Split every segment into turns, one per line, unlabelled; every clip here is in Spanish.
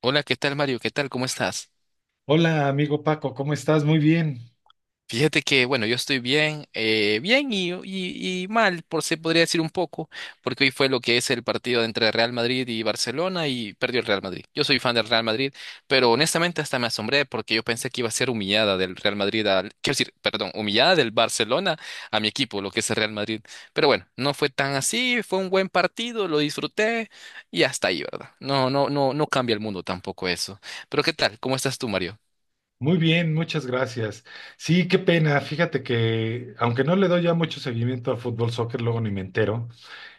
Hola, ¿qué tal, Mario? ¿Qué tal? ¿Cómo estás?
Hola, amigo Paco, ¿cómo estás?
Fíjate que, bueno, yo estoy bien, bien y mal, por se podría decir un poco, porque hoy fue lo que es el partido entre Real Madrid y Barcelona y perdió el Real Madrid. Yo soy fan del Real Madrid, pero honestamente hasta me asombré porque yo pensé que iba a ser humillada del Real Madrid al, quiero decir, perdón, humillada del Barcelona a mi equipo, lo que es el Real Madrid. Pero bueno, no fue tan así, fue un buen partido, lo disfruté y hasta ahí, ¿verdad? No, no, no, no cambia el mundo tampoco eso. Pero ¿qué tal? ¿Cómo estás tú, Mario?
Muy bien, muchas gracias. Sí, qué pena, fíjate que aunque no le doy ya mucho seguimiento al fútbol, soccer, luego ni me entero,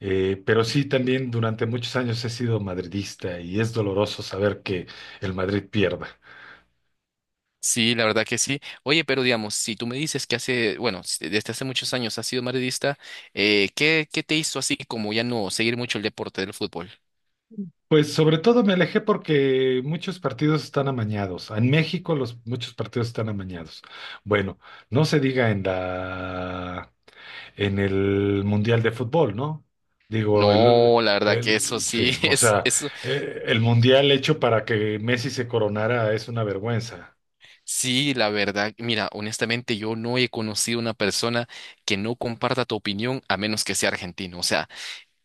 pero sí también durante muchos años he sido madridista y es doloroso saber que el Madrid pierda.
Sí, la verdad que sí. Oye, pero digamos, si tú me dices que hace, bueno, desde hace muchos años has sido madridista, ¿qué te hizo así como ya no seguir mucho el deporte del fútbol?
Pues sobre todo me alejé porque muchos partidos están amañados. En México los muchos partidos están amañados. Bueno, no se diga en el Mundial de Fútbol, ¿no? Digo, el,
No, la verdad que
el
eso
sí,
sí,
o
es,
sea,
eso
el Mundial hecho para que Messi se coronara es una vergüenza.
sí, la verdad. Mira, honestamente yo no he conocido una persona que no comparta tu opinión a menos que sea argentino. O sea,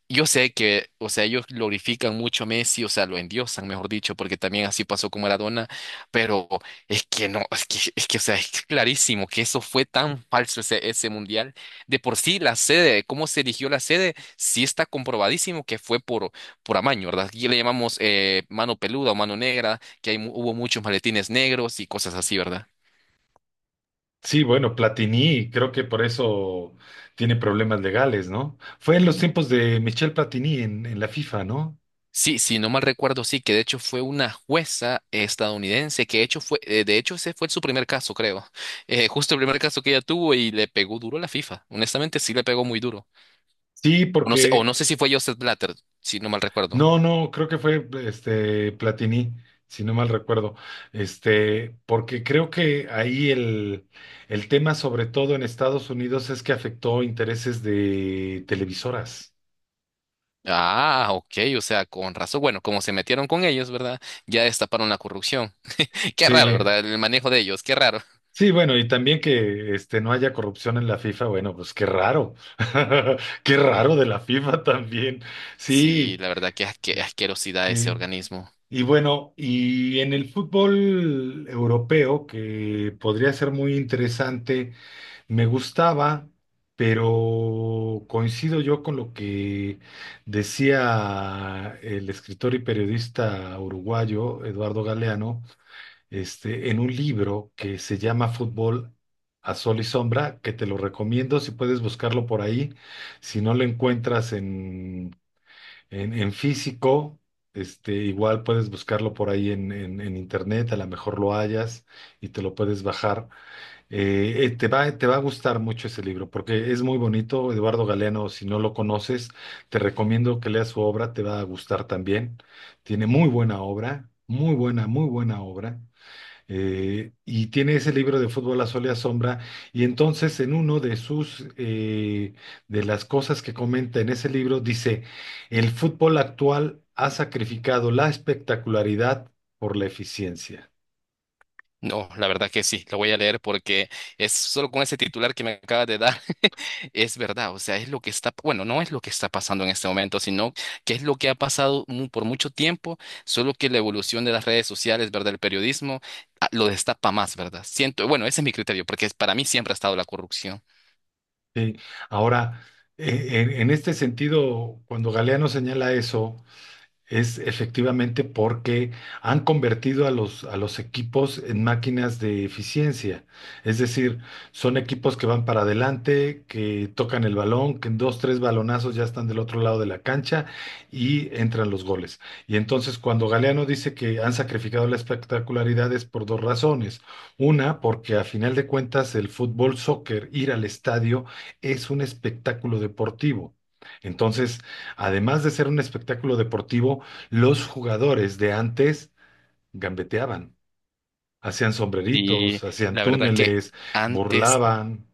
yo sé que, o sea, ellos glorifican mucho a Messi, o sea, lo endiosan, mejor dicho, porque también así pasó con Maradona, pero es que no, es que, o sea, es clarísimo que eso fue tan falso ese, ese mundial. De por sí, la sede, cómo se eligió la sede, sí está comprobadísimo que fue por amaño, ¿verdad? Aquí le llamamos mano peluda o mano negra, que hay, hubo muchos maletines negros y cosas así, ¿verdad?
Sí, bueno, Platini, creo que por eso tiene problemas legales, ¿no? Fue en los tiempos de Michel Platini en la FIFA, ¿no?
Sí, si no mal recuerdo, sí, que de hecho fue una jueza estadounidense, que de hecho fue, de hecho ese fue su primer caso, creo. Justo el primer caso que ella tuvo y le pegó duro a la FIFA. Honestamente, sí le pegó muy duro.
Sí,
O no
porque
sé si fue Joseph Blatter, si no mal recuerdo.
No, no, creo que fue este Platini, si no mal recuerdo. Porque creo que ahí el tema, sobre todo en Estados Unidos, es que afectó intereses de televisoras.
Ah, ok, o sea, con razón. Bueno, como se metieron con ellos, ¿verdad? Ya destaparon la corrupción. Qué raro,
Sí,
¿verdad? El manejo de ellos, qué raro.
sí, bueno, y también que no haya corrupción en la FIFA, bueno, pues qué raro. Qué raro de la FIFA también. Sí,
Sí, la verdad, qué asquerosidad ese
sí.
organismo.
Y bueno, y en el fútbol europeo, que podría ser muy interesante. Me gustaba, pero coincido yo con lo que decía el escritor y periodista uruguayo Eduardo Galeano, en un libro que se llama Fútbol a Sol y Sombra, que te lo recomiendo si puedes buscarlo por ahí. Si no lo encuentras en físico, igual puedes buscarlo por ahí en internet, a lo mejor lo hallas y te lo puedes bajar. Te va a gustar mucho ese libro porque es muy bonito. Eduardo Galeano, si no lo conoces, te recomiendo que leas su obra, te va a gustar también. Tiene muy buena obra, muy buena obra. Y tiene ese libro de Fútbol a Sol y a Sombra. Y entonces, en uno de sus, de las cosas que comenta en ese libro, dice, el fútbol actual ha sacrificado la espectacularidad por la eficiencia.
No, la verdad que sí, lo voy a leer porque es solo con ese titular que me acabas de dar, es verdad, o sea, es lo que está, bueno, no es lo que está pasando en este momento, sino que es lo que ha pasado por mucho tiempo, solo que la evolución de las redes sociales, ¿verdad? El periodismo ah, lo destapa más, ¿verdad? Siento, bueno, ese es mi criterio, porque para mí siempre ha estado la corrupción.
Sí. Ahora, en este sentido, cuando Galeano señala eso, es efectivamente porque han convertido a los equipos en máquinas de eficiencia. Es decir, son equipos que van para adelante, que tocan el balón, que en dos, tres balonazos ya están del otro lado de la cancha y entran los goles. Y entonces cuando Galeano dice que han sacrificado la espectacularidad es por dos razones. Una, porque a final de cuentas el fútbol, soccer, ir al estadio es un espectáculo deportivo. Entonces, además de ser un espectáculo deportivo, los jugadores de antes gambeteaban, hacían
Y
sombreritos, hacían
la verdad que
túneles,
antes
burlaban,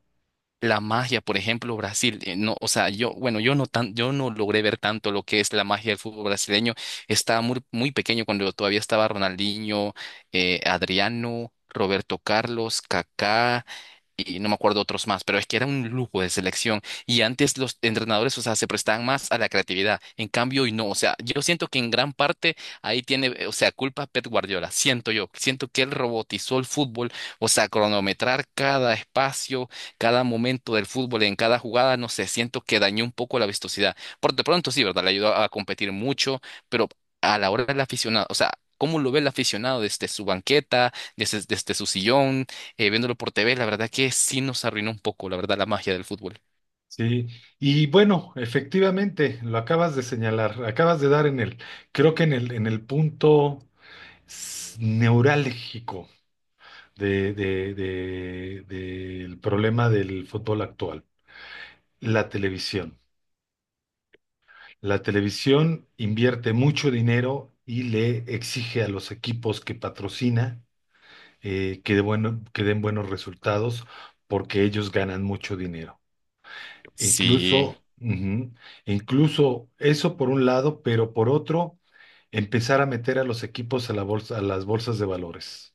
la magia, por ejemplo, Brasil, no, o sea, yo, bueno, yo no tan, yo no logré ver tanto lo que es la magia del fútbol brasileño. Estaba muy, muy pequeño cuando todavía estaba Ronaldinho, Adriano, Roberto Carlos, Kaká, y no me acuerdo otros más, pero es que era un lujo de selección y antes los entrenadores, o sea, se prestaban más a la creatividad, en cambio hoy no, o sea, yo siento que en gran parte ahí tiene, o sea, culpa Pep Guardiola, siento yo, siento que él robotizó el fútbol, o sea, cronometrar cada espacio, cada momento del fútbol en cada jugada, no sé, siento que dañó un poco la vistosidad. Por de pronto sí, ¿verdad? Le ayudó a competir mucho, pero a la hora del aficionado, o sea, ¿cómo lo ve el aficionado desde su banqueta, desde, desde su sillón? Viéndolo por TV, la verdad que sí nos arruinó un poco, la verdad, la magia del fútbol.
¿sí? Y bueno, efectivamente, lo acabas de señalar, acabas de dar en el, creo que en el punto neurálgico del problema del fútbol actual, la televisión. La televisión invierte mucho dinero y le exige a los equipos que patrocina que den buenos resultados porque ellos ganan mucho dinero.
Sí,
Incluso, ujú, incluso eso por un lado, pero por otro, empezar a meter a los equipos a la bolsa, a las bolsas de valores,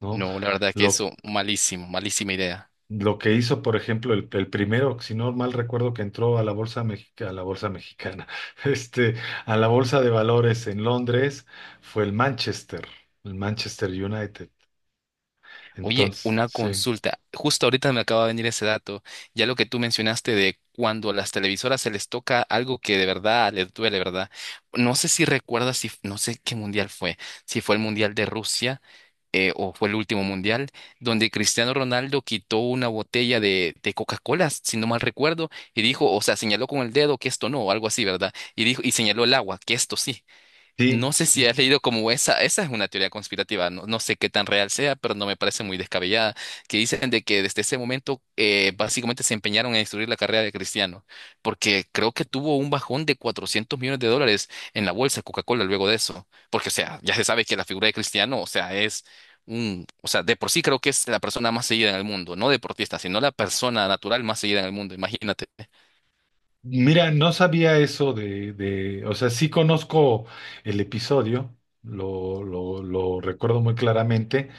¿no?
no, la verdad que
Lo
eso, malísimo, malísima idea.
Lo que hizo, por ejemplo, el primero, si no mal recuerdo, que entró a la bolsa mexicana, este, a la bolsa de valores en Londres, fue el Manchester United.
Oye, una
Entonces,
consulta. Justo ahorita me acaba de venir ese dato. Ya lo que tú mencionaste de cuando a las televisoras se les toca algo que de verdad les duele, ¿verdad? No sé si recuerdas, si, no sé qué mundial fue, si fue el mundial de Rusia o fue el último mundial, donde Cristiano Ronaldo quitó una botella de Coca-Cola, si no mal recuerdo, y dijo, o sea, señaló con el dedo que esto no, o algo así, ¿verdad? Y dijo, y señaló el agua, que esto sí.
sí,
No sé
sí,
si has leído como esa es una teoría conspirativa, no, no sé qué tan real sea, pero no me parece muy descabellada, que dicen de que desde ese momento básicamente se empeñaron en destruir la carrera de Cristiano, porque creo que tuvo un bajón de 400 millones de dólares en la bolsa de Coca-Cola luego de eso, porque o sea, ya se sabe que la figura de Cristiano, o sea, es un, o sea, de por sí creo que es la persona más seguida en el mundo, no deportista, sino la persona natural más seguida en el mundo, imagínate.
mira, no sabía eso o sea, sí conozco el episodio, lo recuerdo muy claramente,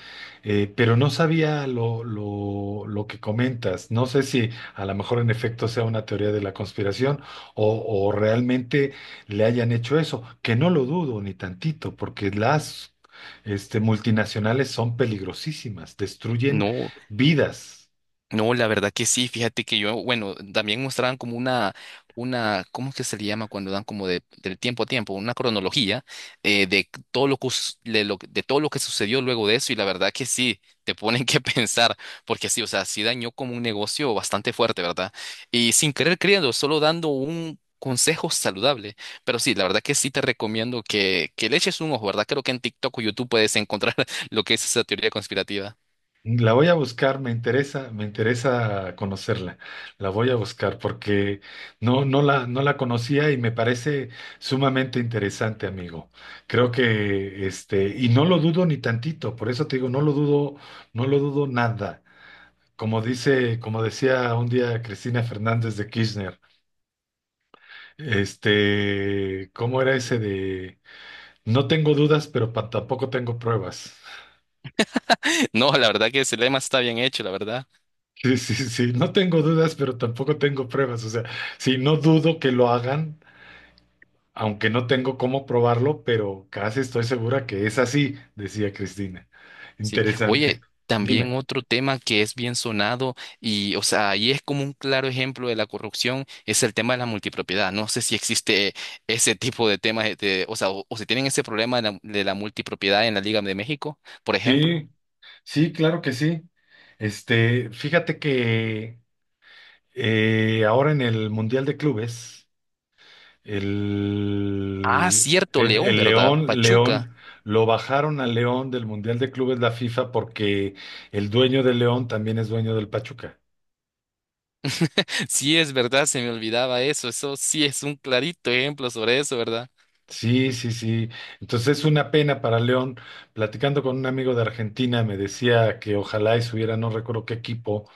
pero no sabía lo que comentas. No sé si a lo mejor en efecto sea una teoría de la conspiración o, o realmente le hayan hecho eso, que no lo dudo ni tantito, porque las multinacionales son peligrosísimas, destruyen
No.
vidas.
No, la verdad que sí, fíjate que yo, bueno, también mostraban como una, ¿cómo es que se le llama cuando dan como de, del tiempo a tiempo? Una cronología de todo lo que, de lo, de todo lo que sucedió luego de eso y la verdad que sí, te ponen que pensar, porque sí, o sea, sí dañó como un negocio bastante fuerte, ¿verdad? Y sin querer creyendo, solo dando un consejo saludable, pero sí, la verdad que sí te recomiendo que le eches un ojo, ¿verdad? Creo que en TikTok o YouTube puedes encontrar lo que es esa teoría conspirativa.
La voy a buscar, me interesa conocerla. La voy a buscar porque no, no la conocía y me parece sumamente interesante, amigo. Creo que y no lo dudo ni tantito, por eso te digo, no lo dudo, no lo dudo nada. Como decía un día Cristina Fernández de Kirchner, ¿cómo era ese de no tengo dudas, pero tampoco tengo pruebas?
No, la verdad que ese lema está bien hecho, la verdad.
Sí, sí, sí, no tengo dudas, pero tampoco tengo pruebas. O sea, sí, no dudo que lo hagan, aunque no tengo cómo probarlo, pero casi estoy segura que es así, decía Cristina.
Sí. Oye,
Interesante.
también
Dime.
otro tema que es bien sonado y, o sea, ahí es como un claro ejemplo de la corrupción, es el tema de la multipropiedad. No sé si existe ese tipo de temas, o sea, o si tienen ese problema de de la multipropiedad en la Liga de México, por ejemplo.
Sí, sí, claro que sí. Fíjate que ahora en el Mundial de Clubes,
Ah,
el,
cierto,
el,
León,
el
¿verdad?
León,
Pachuca.
León, lo bajaron al León del Mundial de Clubes la FIFA porque el dueño del León también es dueño del Pachuca.
Sí, es verdad, se me olvidaba eso. Eso sí es un clarito ejemplo sobre eso, ¿verdad?
Sí, sí, sí. Entonces es una pena para León. Platicando con un amigo de Argentina, me decía que ojalá y subiera, no recuerdo qué equipo,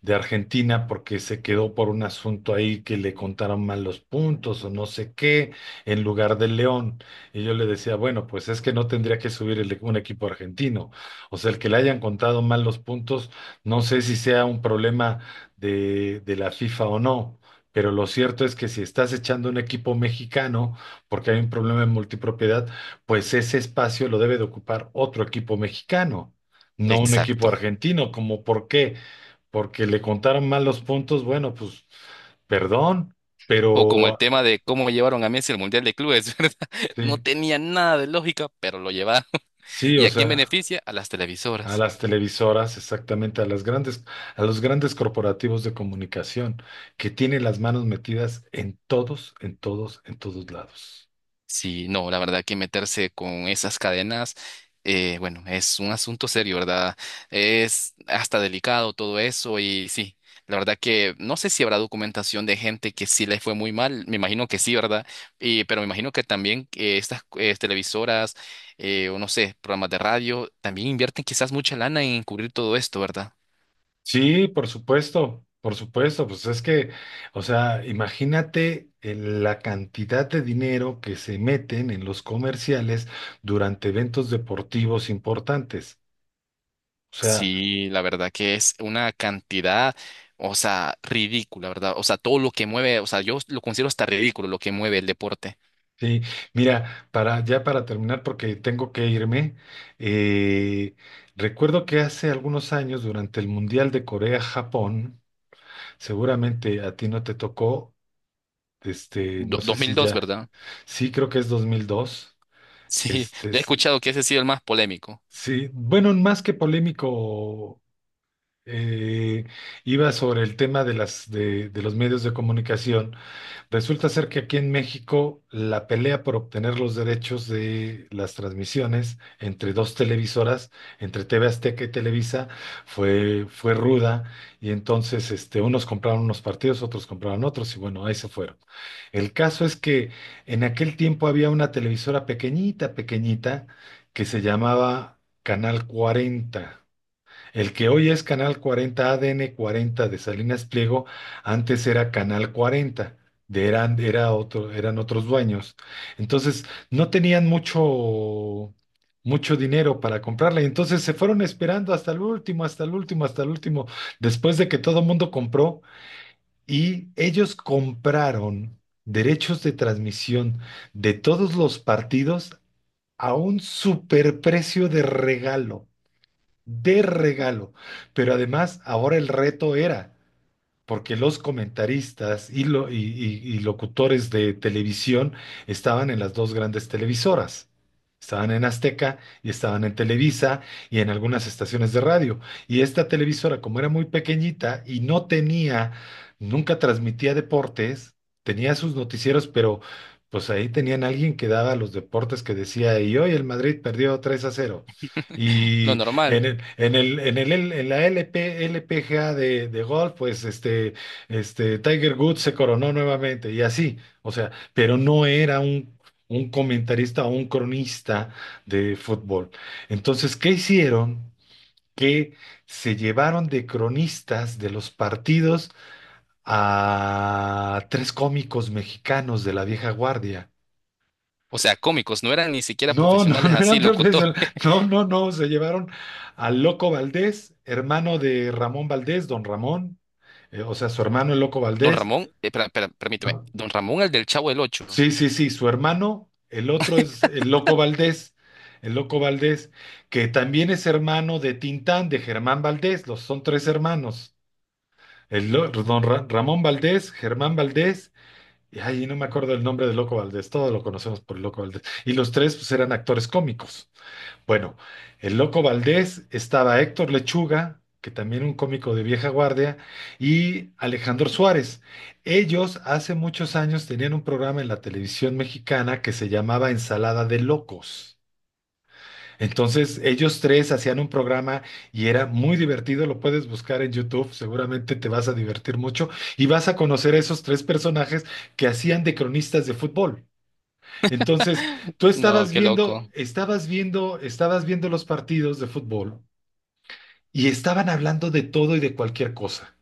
de Argentina porque se quedó por un asunto ahí que le contaron mal los puntos o no sé qué en lugar del León. Y yo le decía, bueno, pues es que no tendría que subir un equipo argentino. O sea, el que le hayan contado mal los puntos, no sé si sea un problema de la FIFA o no. Pero lo cierto es que si estás echando un equipo mexicano, porque hay un problema en multipropiedad, pues ese espacio lo debe de ocupar otro equipo mexicano, no un equipo
Exacto.
argentino, como por qué porque le contaron mal los puntos, bueno, pues perdón,
O como el
pero
tema de cómo llevaron a Messi al Mundial de Clubes, ¿verdad? No
sí,
tenía nada de lógica, pero lo llevaron.
sí,
¿Y
o
a quién
sea,
beneficia? A las
a
televisoras.
las televisoras, exactamente, a las grandes, a los grandes corporativos de comunicación que tienen las manos metidas en todos, en todos, en todos lados.
Sí, no, la verdad que meterse con esas cadenas, bueno, es un asunto serio, ¿verdad? Es hasta delicado todo eso y sí, la verdad que no sé si habrá documentación de gente que sí le fue muy mal, me imagino que sí, ¿verdad? Y, pero me imagino que también estas televisoras, o no sé, programas de radio, también invierten quizás mucha lana en cubrir todo esto, ¿verdad?
Sí, por supuesto, pues es que, o sea, imagínate la cantidad de dinero que se meten en los comerciales durante eventos deportivos importantes. O sea,
Sí, la verdad que es una cantidad, o sea, ridícula, ¿verdad? O sea, todo lo que mueve, o sea, yo lo considero hasta ridículo lo que mueve el deporte.
sí, mira, para terminar, porque tengo que irme, eh, recuerdo que hace algunos años, durante el Mundial de Corea-Japón, seguramente a ti no te tocó. No sé
Dos, mil
si
dos,
ya,
¿verdad?
sí, creo que es 2002.
Sí,
este,
he
es-
escuchado que ese ha sido el más polémico.
sí, bueno, más que polémico. eh, Iba sobre el tema de los medios de comunicación. Resulta ser que aquí en México la pelea por obtener los derechos de las transmisiones entre dos televisoras, entre TV Azteca y Televisa, fue ruda y entonces unos compraron unos partidos, otros compraron otros y bueno, ahí se fueron. El caso es que en aquel tiempo había una televisora pequeñita, pequeñita, que se llamaba Canal 40. El que hoy es Canal 40, ADN 40 de Salinas Pliego, antes era Canal 40, era otro, eran otros dueños. Entonces, no tenían mucho, mucho dinero para comprarla. Y entonces se fueron esperando hasta el último, hasta el último, hasta el último, después de que todo el mundo compró. Y ellos compraron derechos de transmisión de todos los partidos a un superprecio de regalo de regalo. Pero además, ahora el reto era, porque los comentaristas y locutores de televisión estaban en las dos grandes televisoras. Estaban en Azteca y estaban en Televisa y en algunas estaciones de radio. Y esta televisora, como era muy pequeñita y no tenía, nunca transmitía deportes, tenía sus noticieros, pero pues ahí tenían alguien que daba los deportes que decía, y hoy el Madrid perdió 3-0.
Lo
Y
normal.
en la LPGA de golf, pues Tiger Woods se coronó nuevamente y así, o sea, pero no era un comentarista o un cronista de fútbol. Entonces, ¿qué hicieron? Que se llevaron de cronistas de los partidos a tres cómicos mexicanos de la vieja guardia.
O sea, cómicos, no eran ni siquiera
No, no,
profesionales
no
así,
eran
locutor.
profesionales. No, no, no. Se llevaron al Loco Valdés, hermano de Ramón Valdés, don Ramón. O sea, su hermano el Loco
Don
Valdés.
Ramón, permíteme,
¿No?
Don Ramón, el del Chavo del Ocho.
Sí, sí, sí, su hermano. El otro es el Loco Valdés. El Loco Valdés, que también es hermano de Tintán, de Germán Valdés. Los son tres hermanos. El, lo- don Ra- Ramón Valdés, Germán Valdés. Y ay, no me acuerdo el nombre del Loco Valdés. Todos lo conocemos por el Loco Valdés. Y los tres, pues, eran actores cómicos. Bueno, el Loco Valdés, estaba Héctor Lechuga, que también un cómico de vieja guardia, y Alejandro Suárez. Ellos hace muchos años tenían un programa en la televisión mexicana que se llamaba Ensalada de Locos. Entonces, ellos tres hacían un programa y era muy divertido, lo puedes buscar en YouTube, seguramente te vas a divertir mucho y vas a conocer a esos tres personajes que hacían de cronistas de fútbol. Entonces, tú
No,
estabas
qué
viendo,
loco.
estabas viendo, estabas viendo los partidos de fútbol y estaban hablando de todo y de cualquier cosa,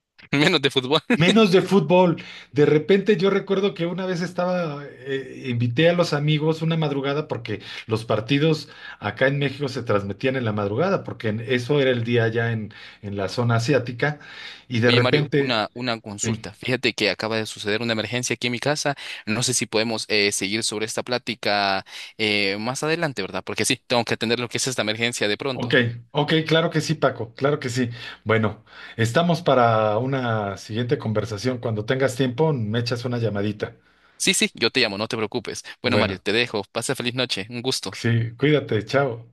Menos de fútbol.
menos de fútbol. De repente yo recuerdo que una vez invité a los amigos una madrugada porque los partidos acá en México se transmitían en la madrugada, porque eso era el día allá en la zona asiática, y de
Oye, Mario,
repente.
una
Sí.
consulta. Fíjate que acaba de suceder una emergencia aquí en mi casa. No sé si podemos seguir sobre esta plática más adelante, ¿verdad? Porque sí, tengo que atender lo que es esta emergencia de
Ok,
pronto.
ok, claro que sí, Paco, claro que sí. Bueno, estamos para una siguiente conversación. Cuando tengas tiempo, me echas una llamadita.
Sí, sí, yo te llamo, no te preocupes. Bueno, Mario,
Bueno,
te dejo. Pasa feliz noche. Un gusto.
sí, cuídate, chao.